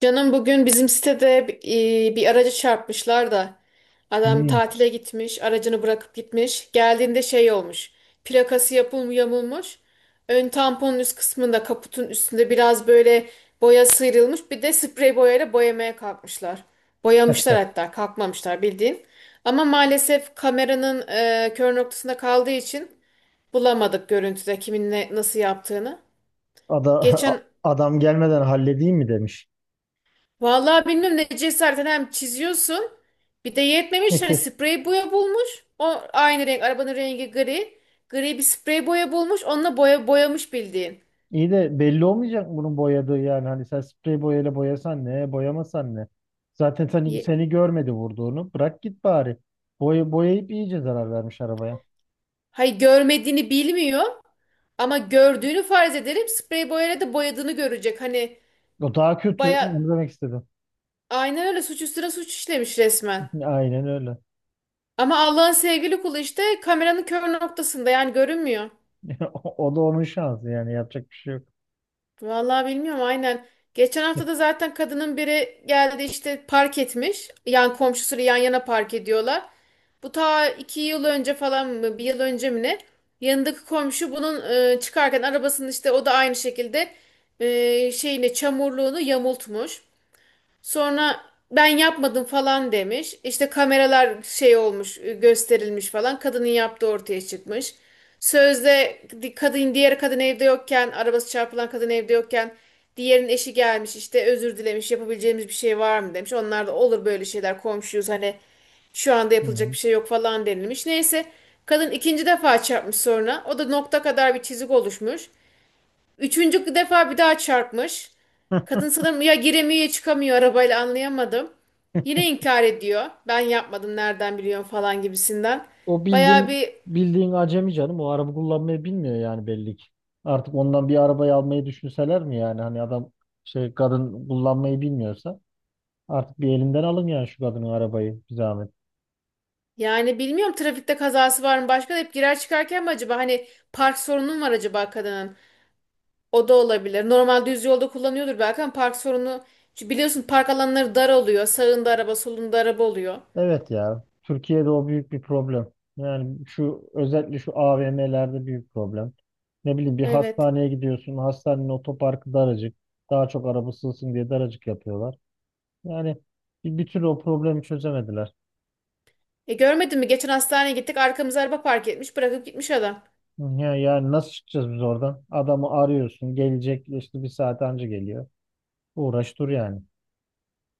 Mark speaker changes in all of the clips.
Speaker 1: Canım bugün bizim sitede bir aracı çarpmışlar da adam
Speaker 2: Hmm.
Speaker 1: tatile gitmiş, aracını bırakıp gitmiş. Geldiğinde şey olmuş. Plakası yapım yamulmuş. Ön tamponun üst kısmında kaputun üstünde biraz böyle boya sıyrılmış. Bir de sprey boyayla boyamaya kalkmışlar. Boyamışlar hatta kalkmamışlar bildiğin. Ama maalesef kameranın kör noktasında kaldığı için bulamadık görüntüde kimin nasıl yaptığını.
Speaker 2: Ada-
Speaker 1: Geçen
Speaker 2: Adam gelmeden halledeyim mi demiş.
Speaker 1: Vallahi bilmiyorum ne cesaretten hem çiziyorsun. Bir de yetmemiş hani sprey boya bulmuş. O aynı renk arabanın rengi gri. Gri bir sprey boya bulmuş. Onunla boya boyamış bildiğin.
Speaker 2: İyi de belli olmayacak mı bunun boyadığı yani hani sen sprey boyayla boyasan ne boyamasan ne. Zaten seni,
Speaker 1: Ye-
Speaker 2: seni görmedi vurduğunu bırak git bari. Boya, boyayıp iyice zarar vermiş arabaya.
Speaker 1: Hayır görmediğini bilmiyor. Ama gördüğünü farz edelim. Sprey boyayla da boyadığını görecek. Hani
Speaker 2: O daha kötü onu
Speaker 1: baya
Speaker 2: demek istedim.
Speaker 1: aynen öyle suç üstüne suç işlemiş resmen.
Speaker 2: Aynen öyle.
Speaker 1: Ama Allah'ın sevgili kulu işte kameranın kör noktasında yani görünmüyor.
Speaker 2: O da onun şansı yani yapacak bir şey yok.
Speaker 1: Vallahi bilmiyorum aynen. Geçen hafta da zaten kadının biri geldi işte park etmiş. Yan komşusuyla yan yana park ediyorlar. Bu ta 2 yıl önce falan mı bir yıl önce mi ne? Yanındaki komşu bunun çıkarken arabasının işte o da aynı şekilde şeyini çamurluğunu yamultmuş. Sonra ben yapmadım falan demiş. İşte kameralar şey olmuş, gösterilmiş falan. Kadının yaptığı ortaya çıkmış. Sözde kadın diğer kadın evde yokken, arabası çarpılan kadın evde yokken diğerinin eşi gelmiş işte özür dilemiş yapabileceğimiz bir şey var mı demiş. Onlar da olur böyle şeyler komşuyuz hani şu anda yapılacak
Speaker 2: Hı.
Speaker 1: bir şey yok falan denilmiş. Neyse kadın ikinci defa çarpmış sonra o da nokta kadar bir çizik oluşmuş. Üçüncü defa bir daha çarpmış. Kadın sanırım ya giremiyor ya çıkamıyor arabayla anlayamadım. Yine inkar ediyor. Ben yapmadım nereden biliyorum falan gibisinden.
Speaker 2: O
Speaker 1: Bayağı
Speaker 2: bildiğin
Speaker 1: bir
Speaker 2: bildiğin acemi canım. O araba kullanmayı bilmiyor yani belli ki. Artık ondan bir arabayı almayı düşünseler mi yani? Hani adam şey kadın kullanmayı bilmiyorsa artık bir elinden alın yani şu kadının arabayı bir zahmet.
Speaker 1: yani bilmiyorum trafikte kazası var mı başka da hep girer çıkarken mi acaba hani park sorunu mu var acaba kadının? O da olabilir. Normal düz yolda kullanıyordur belki ama park sorunu çünkü biliyorsun park alanları dar oluyor. Sağında araba, solunda araba oluyor.
Speaker 2: Evet ya. Türkiye'de o büyük bir problem. Yani şu özellikle şu AVM'lerde büyük problem. Ne bileyim bir
Speaker 1: Evet.
Speaker 2: hastaneye gidiyorsun. Hastanenin otoparkı daracık. Daha çok araba sığsın diye daracık yapıyorlar. Yani bir türlü o problemi çözemediler.
Speaker 1: E görmedin mi? Geçen hastaneye gittik. Arkamıza araba park etmiş. Bırakıp gitmiş adam.
Speaker 2: Ya, yani nasıl çıkacağız biz oradan? Adamı arıyorsun. Gelecek işte bir saat önce geliyor. Uğraş dur yani.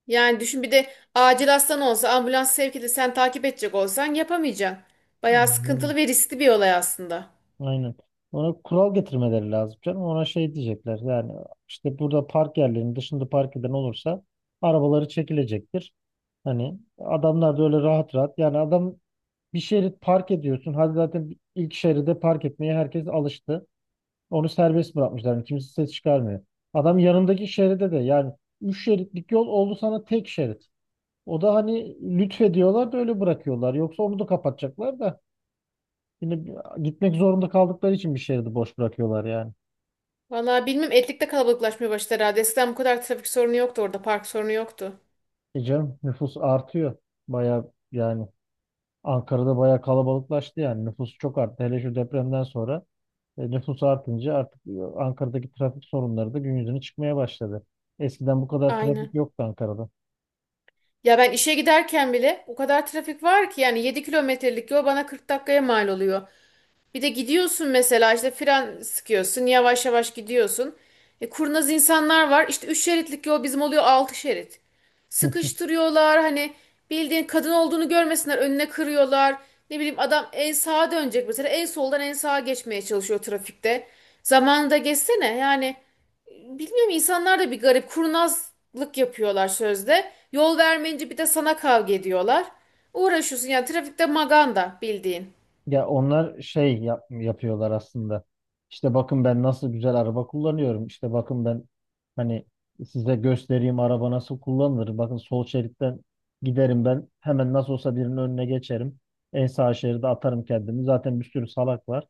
Speaker 1: Yani düşün bir de acil hastan olsa ambulans sevk edip sen takip edecek olsan yapamayacaksın. Bayağı
Speaker 2: Aynen.
Speaker 1: sıkıntılı ve riskli bir olay aslında.
Speaker 2: Aynen. Ona kural getirmeleri lazım canım. Ona şey diyecekler yani işte burada park yerlerinin dışında park eden olursa arabaları çekilecektir. Hani adamlar da öyle rahat rahat yani adam bir şerit park ediyorsun. Hadi zaten ilk şeride park etmeye herkes alıştı. Onu serbest bırakmışlar. Yani kimse ses çıkarmıyor. Adam yanındaki şeride de yani üç şeritlik yol oldu sana tek şerit. O da hani lütfediyorlar da öyle bırakıyorlar. Yoksa onu da kapatacaklar da. Yine gitmek zorunda kaldıkları için bir şehri de boş bırakıyorlar yani.
Speaker 1: Vallahi bilmem Etlik'te kalabalıklaşmaya başladı herhalde. Eskiden bu kadar trafik sorunu yoktu orada. Park sorunu yoktu.
Speaker 2: E canım nüfus artıyor. Baya yani Ankara'da baya kalabalıklaştı yani. Nüfus çok arttı. Hele şu depremden sonra nüfus artınca artık Ankara'daki trafik sorunları da gün yüzüne çıkmaya başladı. Eskiden bu kadar trafik
Speaker 1: Aynen.
Speaker 2: yoktu Ankara'da.
Speaker 1: Ya ben işe giderken bile o kadar trafik var ki yani 7 kilometrelik yol bana 40 dakikaya mal oluyor. Bir de gidiyorsun mesela işte fren sıkıyorsun yavaş yavaş gidiyorsun. E, kurnaz insanlar var işte 3 şeritlik yol bizim oluyor 6 şerit. Sıkıştırıyorlar hani bildiğin kadın olduğunu görmesinler önüne kırıyorlar. Ne bileyim adam en sağa dönecek mesela en soldan en sağa geçmeye çalışıyor trafikte. Zamanında geçsene yani bilmiyorum insanlar da bir garip kurnazlık yapıyorlar sözde. Yol vermeyince bir de sana kavga ediyorlar. Uğraşıyorsun yani trafikte maganda bildiğin.
Speaker 2: Ya onlar şey yapıyorlar aslında. İşte bakın ben nasıl güzel araba kullanıyorum. İşte bakın ben hani size göstereyim araba nasıl kullanılır. Bakın sol şeritten giderim ben. Hemen nasıl olsa birinin önüne geçerim. En sağ şeride atarım kendimi. Zaten bir sürü salak var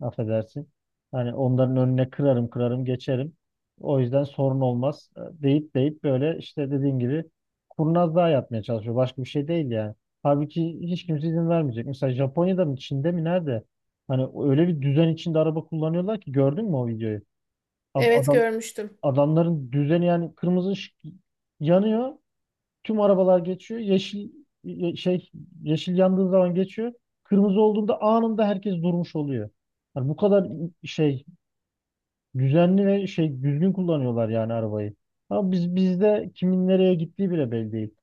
Speaker 2: affedersin. Hani onların önüne kırarım kırarım geçerim. O yüzden sorun olmaz deyip deyip böyle işte dediğin gibi kurnazlığa yapmaya çalışıyor. Başka bir şey değil yani. Halbuki hiç kimse izin vermeyecek. Mesela Japonya'da mı Çin'de mi nerede? Hani öyle bir düzen içinde araba kullanıyorlar ki gördün mü o videoyu? Ad-
Speaker 1: Evet
Speaker 2: adam
Speaker 1: görmüştüm.
Speaker 2: adamların düzeni yani kırmızı ışık yanıyor. Tüm arabalar geçiyor. Yeşil ye- şey yeşil yandığı zaman geçiyor. Kırmızı olduğunda anında herkes durmuş oluyor. Yani bu kadar şey düzenli ve şey düzgün kullanıyorlar yani arabayı. Ama bizde kimin nereye gittiği bile belli değil.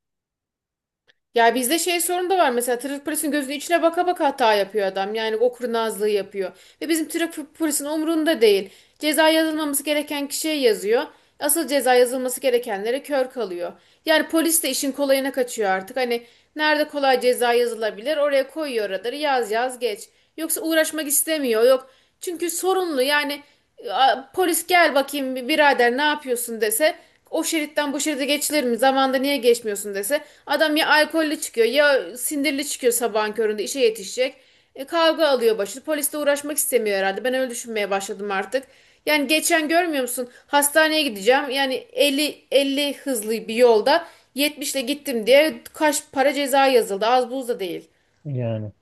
Speaker 1: Ya bizde şey sorun da var mesela trafik polisinin gözünün içine baka baka hata yapıyor adam. Yani o kurnazlığı yapıyor. Ve bizim trafik polisinin umurunda değil. Ceza yazılmaması gereken kişiye yazıyor. Asıl ceza yazılması gerekenlere kör kalıyor. Yani polis de işin kolayına kaçıyor artık. Hani nerede kolay ceza yazılabilir oraya koyuyor radarı yaz yaz geç. Yoksa uğraşmak istemiyor yok. Çünkü sorunlu yani polis gel bakayım birader ne yapıyorsun dese o şeritten bu şeride geçilir mi? Zamanında niye geçmiyorsun dese. Adam ya alkollü çıkıyor ya sindirli çıkıyor sabahın köründe işe yetişecek. E, kavga alıyor başını. Polisle uğraşmak istemiyor herhalde. Ben öyle düşünmeye başladım artık. Yani geçen görmüyor musun? Hastaneye gideceğim. Yani 50 50 hızlı bir yolda 70 ile gittim diye kaç para ceza yazıldı. Az buz da değil.
Speaker 2: Yani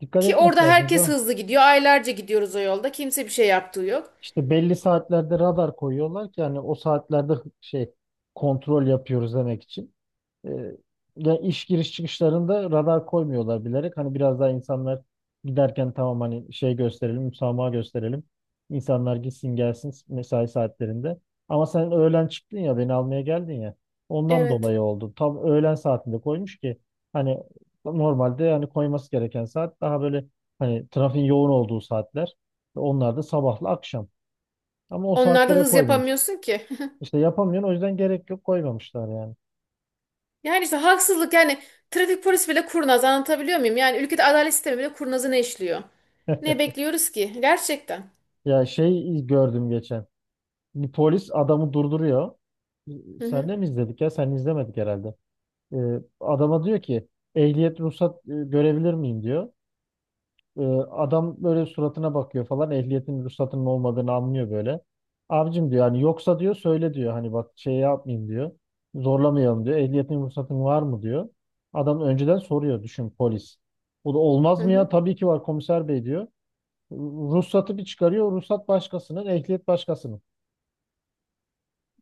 Speaker 2: dikkat
Speaker 1: Ki
Speaker 2: etmek
Speaker 1: orada
Speaker 2: lazım
Speaker 1: herkes
Speaker 2: da.
Speaker 1: hızlı gidiyor. Aylarca gidiyoruz o yolda. Kimse bir şey yaptığı yok.
Speaker 2: İşte belli saatlerde radar koyuyorlar ki yani o saatlerde şey kontrol yapıyoruz demek için. E, ya iş giriş çıkışlarında radar koymuyorlar bilerek. Hani biraz daha insanlar giderken tamam hani şey gösterelim, müsamaha gösterelim. İnsanlar gitsin gelsin mesai saatlerinde. Ama sen öğlen çıktın ya beni almaya geldin ya. Ondan
Speaker 1: Evet.
Speaker 2: dolayı oldu. Tam öğlen saatinde koymuş ki hani normalde hani koyması gereken saat daha böyle hani trafiğin yoğun olduğu saatler. Onlar da sabahla akşam. Ama o
Speaker 1: Onlarda
Speaker 2: saatlere
Speaker 1: hız
Speaker 2: koymamış.
Speaker 1: yapamıyorsun ki.
Speaker 2: İşte yapamıyorsun o yüzden gerek yok koymamışlar yani.
Speaker 1: Yani işte haksızlık yani trafik polisi bile kurnaz anlatabiliyor muyum? Yani ülkede adalet sistemi bile kurnazını işliyor. Ne bekliyoruz ki? Gerçekten.
Speaker 2: Ya şey gördüm geçen. Bir polis adamı durduruyor.
Speaker 1: Hı hı,
Speaker 2: Senle mi izledik ya? Sen izlemedik herhalde. Ee, adama diyor ki ehliyet ruhsat görebilir miyim diyor. Ee, adam böyle suratına bakıyor falan ehliyetin ruhsatının olmadığını anlıyor böyle. Abicim diyor hani yoksa diyor söyle diyor hani bak şey yapmayayım diyor. Zorlamayalım diyor. Ehliyetin ruhsatın var mı diyor. Adam önceden soruyor düşün polis. Bu da
Speaker 1: hı
Speaker 2: olmaz mı ya?
Speaker 1: hı.
Speaker 2: Tabii ki var komiser bey diyor. Ruhsatı bir çıkarıyor. Ruhsat başkasının, ehliyet başkasının.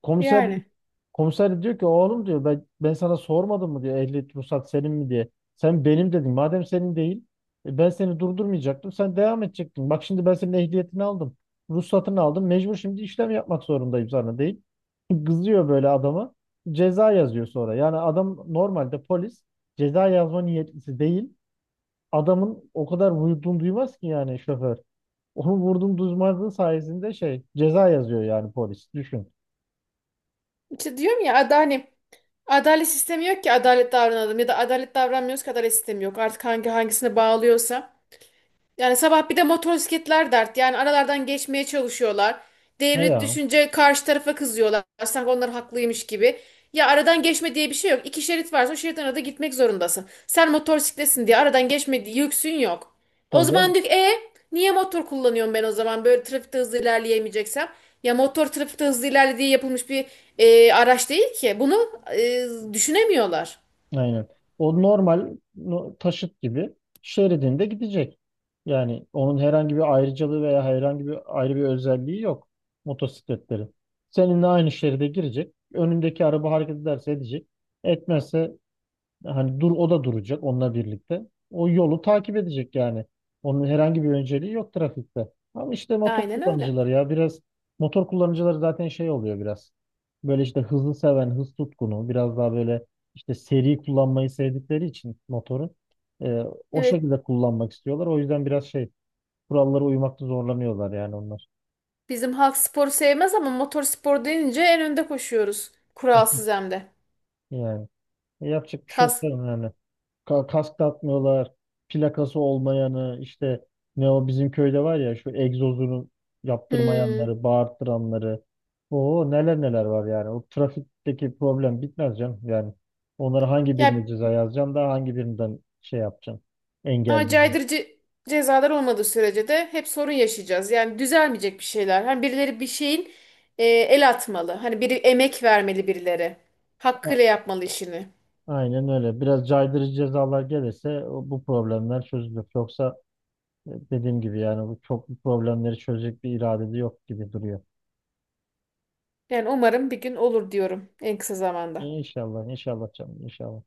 Speaker 2: Komiser
Speaker 1: Yani
Speaker 2: Komiser diyor ki oğlum diyor ben sana sormadım mı diyor ehliyet ruhsat senin mi diye. Sen benim dedin. Madem senin değil ben seni durdurmayacaktım. Sen devam edecektin. Bak şimdi ben senin ehliyetini aldım. Ruhsatını aldım. Mecbur şimdi işlem yapmak zorundayım sana deyip kızıyor böyle adama. Ceza yazıyor sonra. Yani adam normalde polis ceza yazma niyetlisi değil. Adamın o kadar vurduğunu duymaz ki yani şoför. Onu vurdum duymazlığı sayesinde şey ceza yazıyor yani polis. Düşün.
Speaker 1: işte diyorum ya hani adalet sistemi yok ki adalet davranalım ya da adalet davranmıyoruz ki adalet sistemi yok. Artık hangi hangisine bağlıyorsa. Yani sabah bir de motosikletler dert. Yani aralardan geçmeye çalışıyorlar.
Speaker 2: He
Speaker 1: Devlet
Speaker 2: ya.
Speaker 1: düşünce karşı tarafa kızıyorlar. Sanki onlar haklıymış gibi. Ya aradan geçme diye bir şey yok. 2 şerit varsa o şeritten arada gitmek zorundasın. Sen motosikletsin diye aradan geçme diye yüksün yok. O
Speaker 2: Tabii
Speaker 1: zaman
Speaker 2: canım.
Speaker 1: diyor ki, niye motor kullanıyorum ben o zaman böyle trafikte hızlı ilerleyemeyeceksem? Ya motor trafikte hızlı ilerle diye yapılmış bir araç değil ki. Bunu düşünemiyorlar.
Speaker 2: Aynen. O normal taşıt gibi şeridinde gidecek. Yani onun herhangi bir ayrıcalığı veya herhangi bir ayrı bir özelliği yok motosikletlerin. Seninle aynı şeride girecek. Önündeki araba hareket ederse edecek. Etmezse hani dur o da duracak onunla birlikte. O yolu takip edecek yani. Onun herhangi bir önceliği yok trafikte. Ama işte
Speaker 1: Aynen öyle.
Speaker 2: motor kullanıcıları zaten şey oluyor biraz. Böyle işte hızlı seven, hız tutkunu, biraz daha böyle işte seri kullanmayı sevdikleri için motoru e, o
Speaker 1: Evet.
Speaker 2: şekilde kullanmak istiyorlar. O yüzden biraz şey kurallara uymakta zorlanıyorlar yani onlar.
Speaker 1: Bizim halk sporu sevmez ama motor spor deyince en önde koşuyoruz. Kuralsız hem de.
Speaker 2: Yani. Yapacak bir şey yok
Speaker 1: Kas.
Speaker 2: canım yani. Kask takmıyorlar. Plakası olmayanı işte ne o bizim köyde var ya şu egzozunu
Speaker 1: Hmm.
Speaker 2: yaptırmayanları, bağırttıranları. O neler neler var yani. O trafikteki problem bitmez canım. Yani onlara hangi birine
Speaker 1: Ya
Speaker 2: ceza yazacaksın da hangi birinden şey yapacaksın.
Speaker 1: ama
Speaker 2: Engelleyeceksin.
Speaker 1: caydırıcı cezalar olmadığı sürece de hep sorun yaşayacağız. Yani düzelmeyecek bir şeyler. Hani birileri bir şeyin el atmalı. Hani biri emek vermeli birileri.
Speaker 2: A-
Speaker 1: Hakkıyla yapmalı işini.
Speaker 2: Aynen öyle. Biraz caydırıcı cezalar gelirse bu problemler çözülür. Yoksa dediğim gibi yani bu problemleri çözecek bir irade de yok gibi duruyor.
Speaker 1: Yani umarım bir gün olur diyorum en kısa zamanda.
Speaker 2: İnşallah, inşallah canım, inşallah.